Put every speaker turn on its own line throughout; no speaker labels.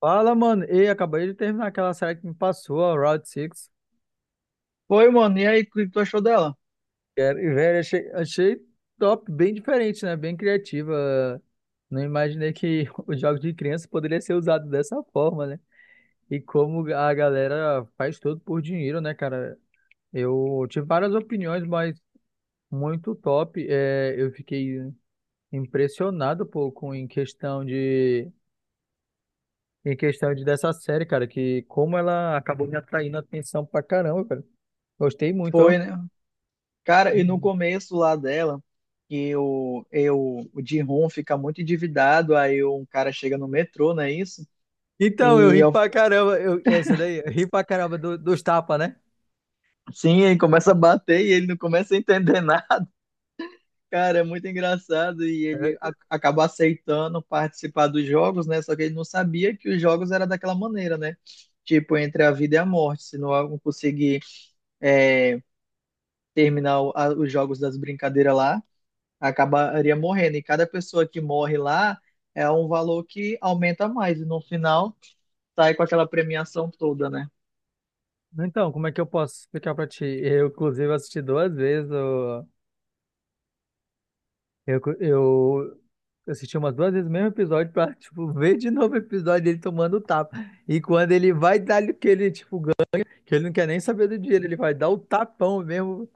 Fala, mano. Ei, acabei de terminar aquela série que me passou, a Route 6.
Foi, mano. E aí, o que tu achou dela?
Velho, achei top, bem diferente, né? Bem criativa. Não imaginei que os jogos de criança poderia ser usado dessa forma, né? E como a galera faz tudo por dinheiro, né, cara? Eu tive várias opiniões, mas muito top. Eu fiquei impressionado, pô, com em questão de dessa série, cara, que como ela acabou me atraindo a atenção pra caramba, cara. Gostei muito, ó.
Foi, né? Cara, e no
Uhum.
começo lá dela, que o, eu, o Ji-hoon fica muito endividado, aí um cara chega no metrô, não é isso?
Então, eu
E
ri
eu,
pra caramba. Essa daí, eu ri pra caramba dos tapas, né?
sim, ele começa a bater e ele não começa a entender nada. Cara, é muito engraçado e
É,
ele acaba aceitando participar dos jogos, né? Só que ele não sabia que os jogos era daquela maneira, né? Tipo, entre a vida e a morte. Se não conseguir é, terminar os jogos das brincadeiras lá, acabaria morrendo. E cada pessoa que morre lá é um valor que aumenta mais. E no final sai com aquela premiação toda, né?
então, como é que eu posso explicar pra ti? Eu, inclusive, assisti duas vezes. Eu assisti umas duas vezes o mesmo episódio pra, tipo, ver de novo o episódio dele tomando tapa. E quando ele vai dar ali que ele, tipo, ganha, que ele não quer nem saber do dinheiro, ele vai dar o tapão mesmo.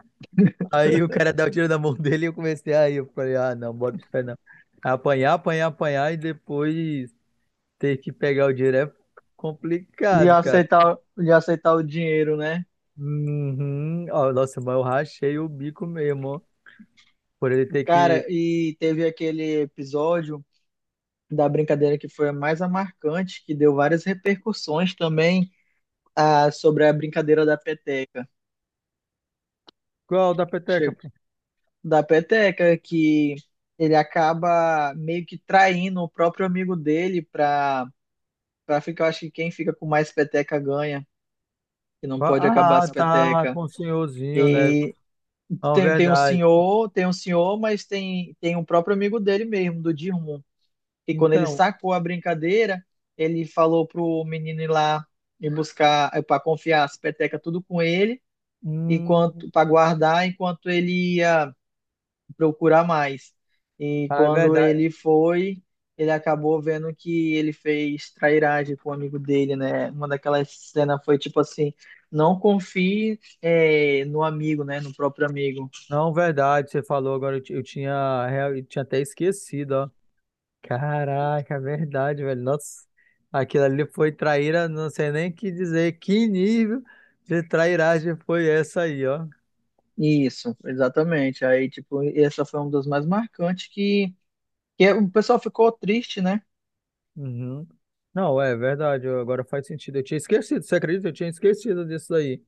Aí o cara dá o tiro na mão dele e eu comecei aí. Eu falei, ah, não, bota o pé não. Apanhar, apanhar, apanhar e depois. Ter que pegar o dinheiro é complicado, cara.
E aceitar o dinheiro, né?
Uhum. Ó, nossa, mas eu rachei o bico mesmo, ó. Por ele ter que.
Cara, e teve aquele episódio da brincadeira que foi a mais a marcante, que deu várias repercussões também sobre a brincadeira da peteca.
Qual da peteca,
Chegou,
pô?
da peteca, que ele acaba meio que traindo o próprio amigo dele pra ficar, eu acho que quem fica com mais peteca ganha. Que não pode acabar
Ah,
as
tá,
petecas.
com o senhorzinho, né?
E
Não,
tem um
verdade.
senhor, tem um senhor, mas tem um próprio amigo dele mesmo, do Dirmon, que quando ele
Então,
sacou a brincadeira, ele falou pro menino ir lá e buscar, para confiar as petecas tudo com ele,
hum,
enquanto para guardar, enquanto ele ia procurar mais. E
ah, é
quando
verdade.
ele foi, ele acabou vendo que ele fez trairagem com o amigo dele, né? Uma daquelas cenas foi tipo assim, não confie no amigo, né? No próprio amigo.
Não, verdade, você falou agora, eu tinha, eu tinha até esquecido, ó. Caraca, é verdade, velho. Nossa, aquilo ali foi traíra, não sei nem o que dizer. Que nível de trairagem foi essa aí, ó?
Isso, exatamente. Aí, tipo, essa foi uma das mais marcantes o pessoal ficou triste, né?
Uhum. Não, é verdade. Agora faz sentido. Eu tinha esquecido, você acredita? Eu tinha esquecido disso aí.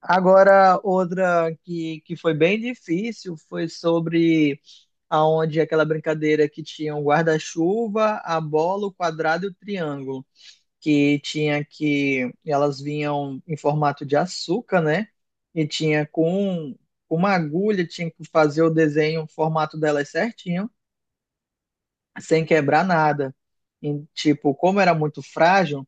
Agora, outra que foi bem difícil foi sobre aonde aquela brincadeira que tinha um guarda-chuva, a bola, o quadrado e o triângulo. Que tinha que elas vinham em formato de açúcar, né? E tinha com uma agulha, tinha que fazer o desenho, o formato delas certinho, sem quebrar nada. E, tipo, como era muito frágil,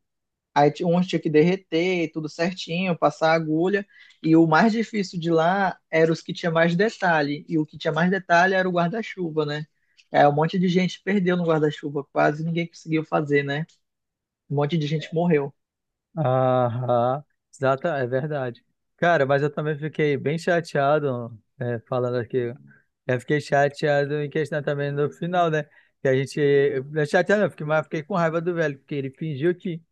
aí uns tinha que derreter, tudo certinho, passar a agulha. E o mais difícil de lá era os que tinha mais detalhe. E o que tinha mais detalhe era o guarda-chuva, né? É, um monte de gente perdeu no guarda-chuva, quase ninguém conseguiu fazer, né? Um monte de gente morreu.
Aham, exata, é verdade. Cara, mas eu também fiquei bem chateado, é, falando aqui. Eu fiquei chateado em questão também no final, né? Que a gente. Eu- Chateado, não, eu fiquei, mas fiquei com raiva do velho, porque ele fingiu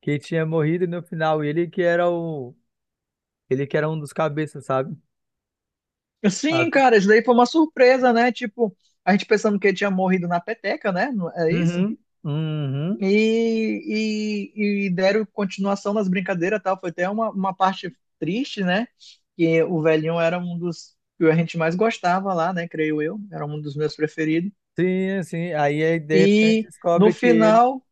que tinha morrido no final. E Ele que era o. Ele que era um dos cabeças, sabe? Ah,
Sim, cara, isso daí foi uma surpresa, né? Tipo, a gente pensando que ele tinha morrido na peteca, né? Não é isso?
uhum, uhum.
E deram continuação nas brincadeiras e tal. Foi até uma parte triste, né? Que o velhinho era um dos que a gente mais gostava lá, né? Creio eu. Era um dos meus preferidos.
Sim, sim. Aí, aí, de repente
E no
descobre que ele
final,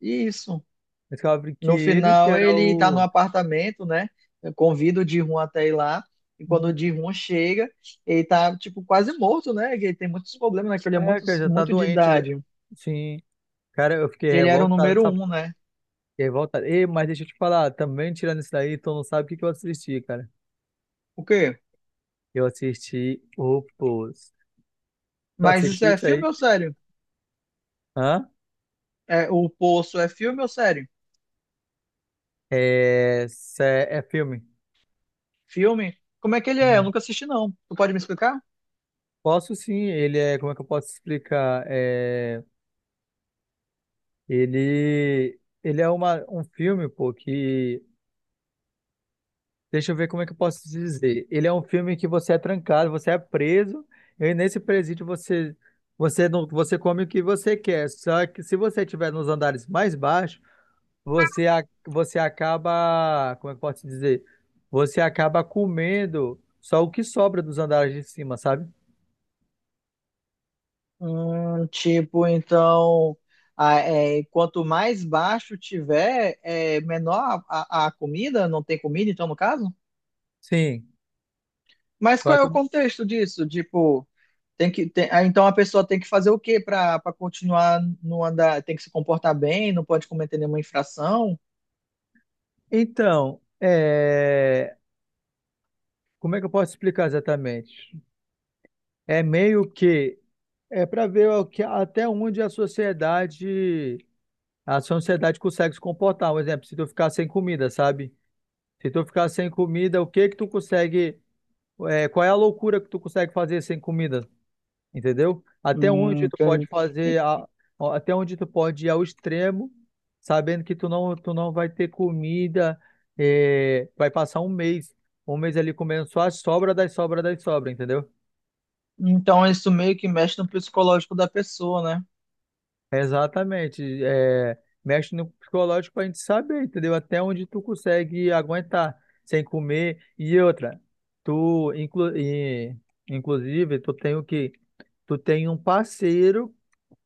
isso.
descobre que
No
ele que
final,
era
ele tá no
o.
apartamento, né? Eu convido o Ji-hoon até ir lá. E quando o Ji-hoon chega, ele tá, tipo, quase morto, né? Que ele tem muitos problemas, né? Que ele é
É,
muito,
cara, já tá
muito de
doente. Já.
idade.
Sim. Cara, eu fiquei
E ele era o
revoltado,
número
sabe?
um, né?
Fiquei revoltado. Ei, mas deixa eu te falar, também tirando isso daí, tu não sabe o que que eu assisti, cara.
O quê?
Eu assisti o Pose. Tu
Mas isso
assistiu
é
isso aí?
filme ou sério?
Hã?
É, o Poço é filme ou série?
É filme.
Filme? Como é que ele é? Eu
Hum.
nunca assisti, não. Tu pode me explicar?
Posso sim, ele é, como é que eu posso explicar? É, ele é uma, um filme, pô, que deixa eu ver como é que eu posso te dizer. Ele é um filme que você é trancado, você é preso, e nesse presídio você você não você come o que você quer. Só que se você estiver nos andares mais baixos, você acaba, como é que eu posso te dizer? Você acaba comendo só o que sobra dos andares de cima, sabe?
Tipo, então, quanto mais baixo tiver, é menor a comida? Não tem comida, então, no caso?
Sim.
Mas qual
Vai
é o
tomar-
contexto disso? Tipo, tem que, tem- ah, então a pessoa tem que fazer o quê para para continuar no andar? Tem que se comportar bem, não pode cometer nenhuma infração?
então, é, como é que eu posso explicar exatamente? É meio que é para ver até onde a sociedade a sua sociedade consegue se comportar. Um exemplo, se tu ficar sem comida, sabe? Se tu ficar sem comida, o que que tu consegue, é, qual é a loucura que tu consegue fazer sem comida, entendeu? Até onde tu pode
Então,
fazer, ó, até onde tu pode ir ao extremo, sabendo que tu não vai ter comida, é, vai passar um mês ali comendo só a sobra das sobras, entendeu?
então isso meio que mexe no psicológico da pessoa, né?
Exatamente. É, mexe no psicológico pra gente saber, entendeu? Até onde tu consegue aguentar sem comer. E outra, tu, inclu, e, inclusive, tu tem o quê? Tu tem um parceiro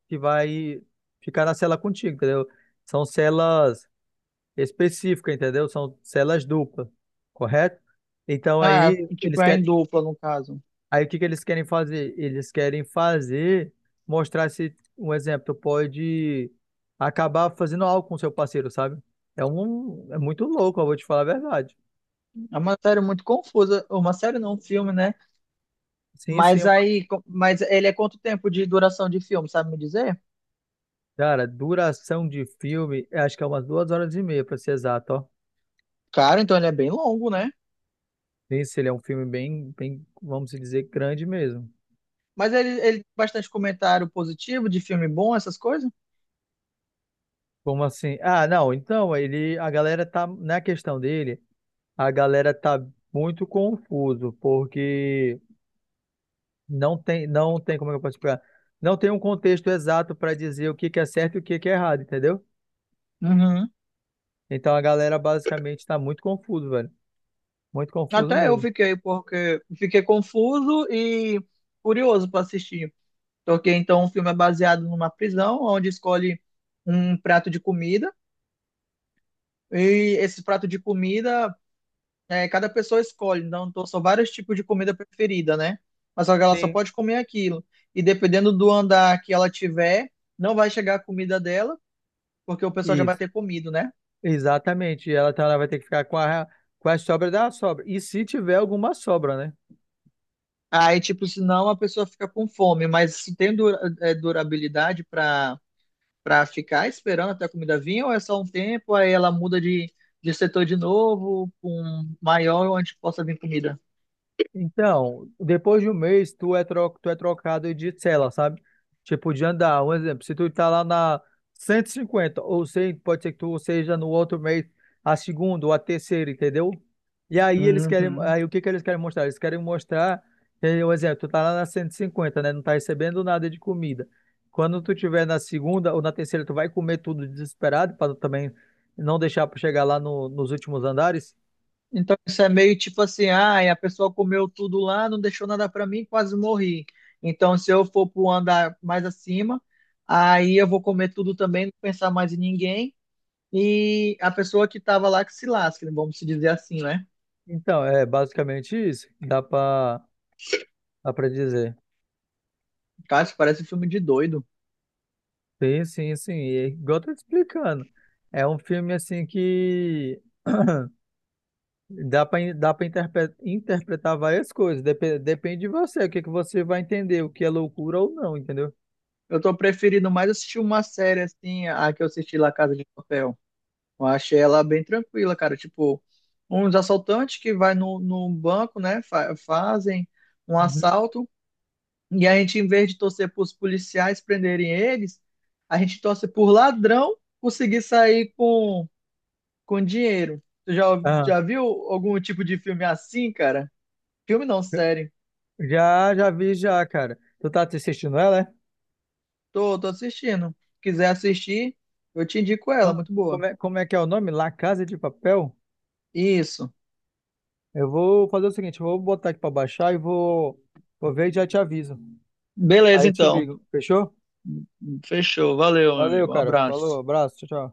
que vai ficar na cela contigo, entendeu? São celas específicas, entendeu? São celas duplas, correto? Então
Ah,
aí eles
tipo, é em
querem,
dupla, no caso.
aí o que que eles querem fazer? Eles querem fazer, mostrar se, um exemplo, tu pode acabar fazendo algo com seu parceiro, sabe? É muito louco, eu vou te falar a verdade.
É uma série muito confusa. Uma série não, um filme, né?
Sim, sim,
Mas aí, mas ele é quanto tempo de duração de filme, sabe me dizer?
cara, duração de filme, eu acho que é umas duas horas e meia, pra ser exato, ó.
Cara, então ele é bem longo, né?
Esse ele é um filme bem, bem, vamos dizer, grande mesmo.
Mas ele tem bastante comentário positivo de filme bom, essas coisas?
Como assim? Ah, não, então, ele, a galera tá, na questão dele, a galera tá muito confuso, porque não tem, como é que eu posso explicar? Não tem um contexto exato para dizer o que que é certo e o que que é errado, entendeu?
Uhum.
Então a galera basicamente está muito confuso, velho. Muito confuso
Até eu
mesmo.
fiquei, porque fiquei confuso e curioso para assistir. Porque então o filme é baseado numa prisão, onde escolhe um prato de comida, e esse prato de comida, é, cada pessoa escolhe, então são vários tipos de comida preferida, né? Mas só que ela só
Sim,
pode comer aquilo. E dependendo do andar que ela tiver, não vai chegar a comida dela, porque o pessoal já vai
isso.
ter comido, né?
Exatamente. E ela, então, ela vai ter que ficar com a sobra da sobra. E se tiver alguma sobra, né?
Aí, tipo, senão a pessoa fica com fome, mas se tem durabilidade para para ficar esperando até a comida vir, ou é só um tempo, aí ela muda de setor de novo, com maior onde possa vir comida?
Então, depois de um mês, tu é trocado de cela, sabe? Tipo, de andar. Um exemplo, se tu tá lá na 150 ou sei, pode ser que tu seja no outro mês, a segunda ou a terceira, entendeu? E aí eles querem,
Uhum.
aí o que que eles querem mostrar? Eles querem mostrar, entendeu? Um exemplo, tu tá lá na 150, né? Não tá recebendo nada de comida. Quando tu tiver na segunda ou na terceira, tu vai comer tudo desesperado, para também não deixar para chegar lá nos últimos andares.
Então isso é meio tipo assim, ah, a pessoa comeu tudo lá, não deixou nada para mim, quase morri. Então se eu for para andar mais acima, aí eu vou comer tudo também, não pensar mais em ninguém. E a pessoa que estava lá que se lasca, vamos se dizer assim, né?
Então, é basicamente isso. Dá pra. Dá pra dizer.
Cara, isso parece um filme de doido.
Sim, sim, sim. E é igual eu tô te explicando. É um filme assim que dá para interpretar várias coisas. Depende de você, o que que você vai entender, o que é loucura ou não, entendeu?
Eu tô preferindo mais assistir uma série assim, a que eu assisti lá Casa de Papel. Eu achei ela bem tranquila, cara. Tipo, uns assaltantes que vai no banco, né? Fazem um
Uhum.
assalto. E a gente, em vez de torcer para os policiais prenderem eles, a gente torce por ladrão conseguir sair com dinheiro.
Ah,
Já viu algum tipo de filme assim, cara? Filme não, série.
já vi já, cara. Tu tá assistindo ela, é?
Tô, tô assistindo. Quiser assistir, eu te indico
Ah,
ela, muito boa.
Como é que é o nome? La Casa de Papel?
Isso.
Eu vou fazer o seguinte, eu vou botar aqui pra baixar e vou, vou ver e já te aviso. Aí
Beleza,
eu te
então.
ligo, fechou?
Fechou. Valeu, meu
Valeu,
amigo. Um
cara. Falou,
abraço.
abraço, tchau, tchau.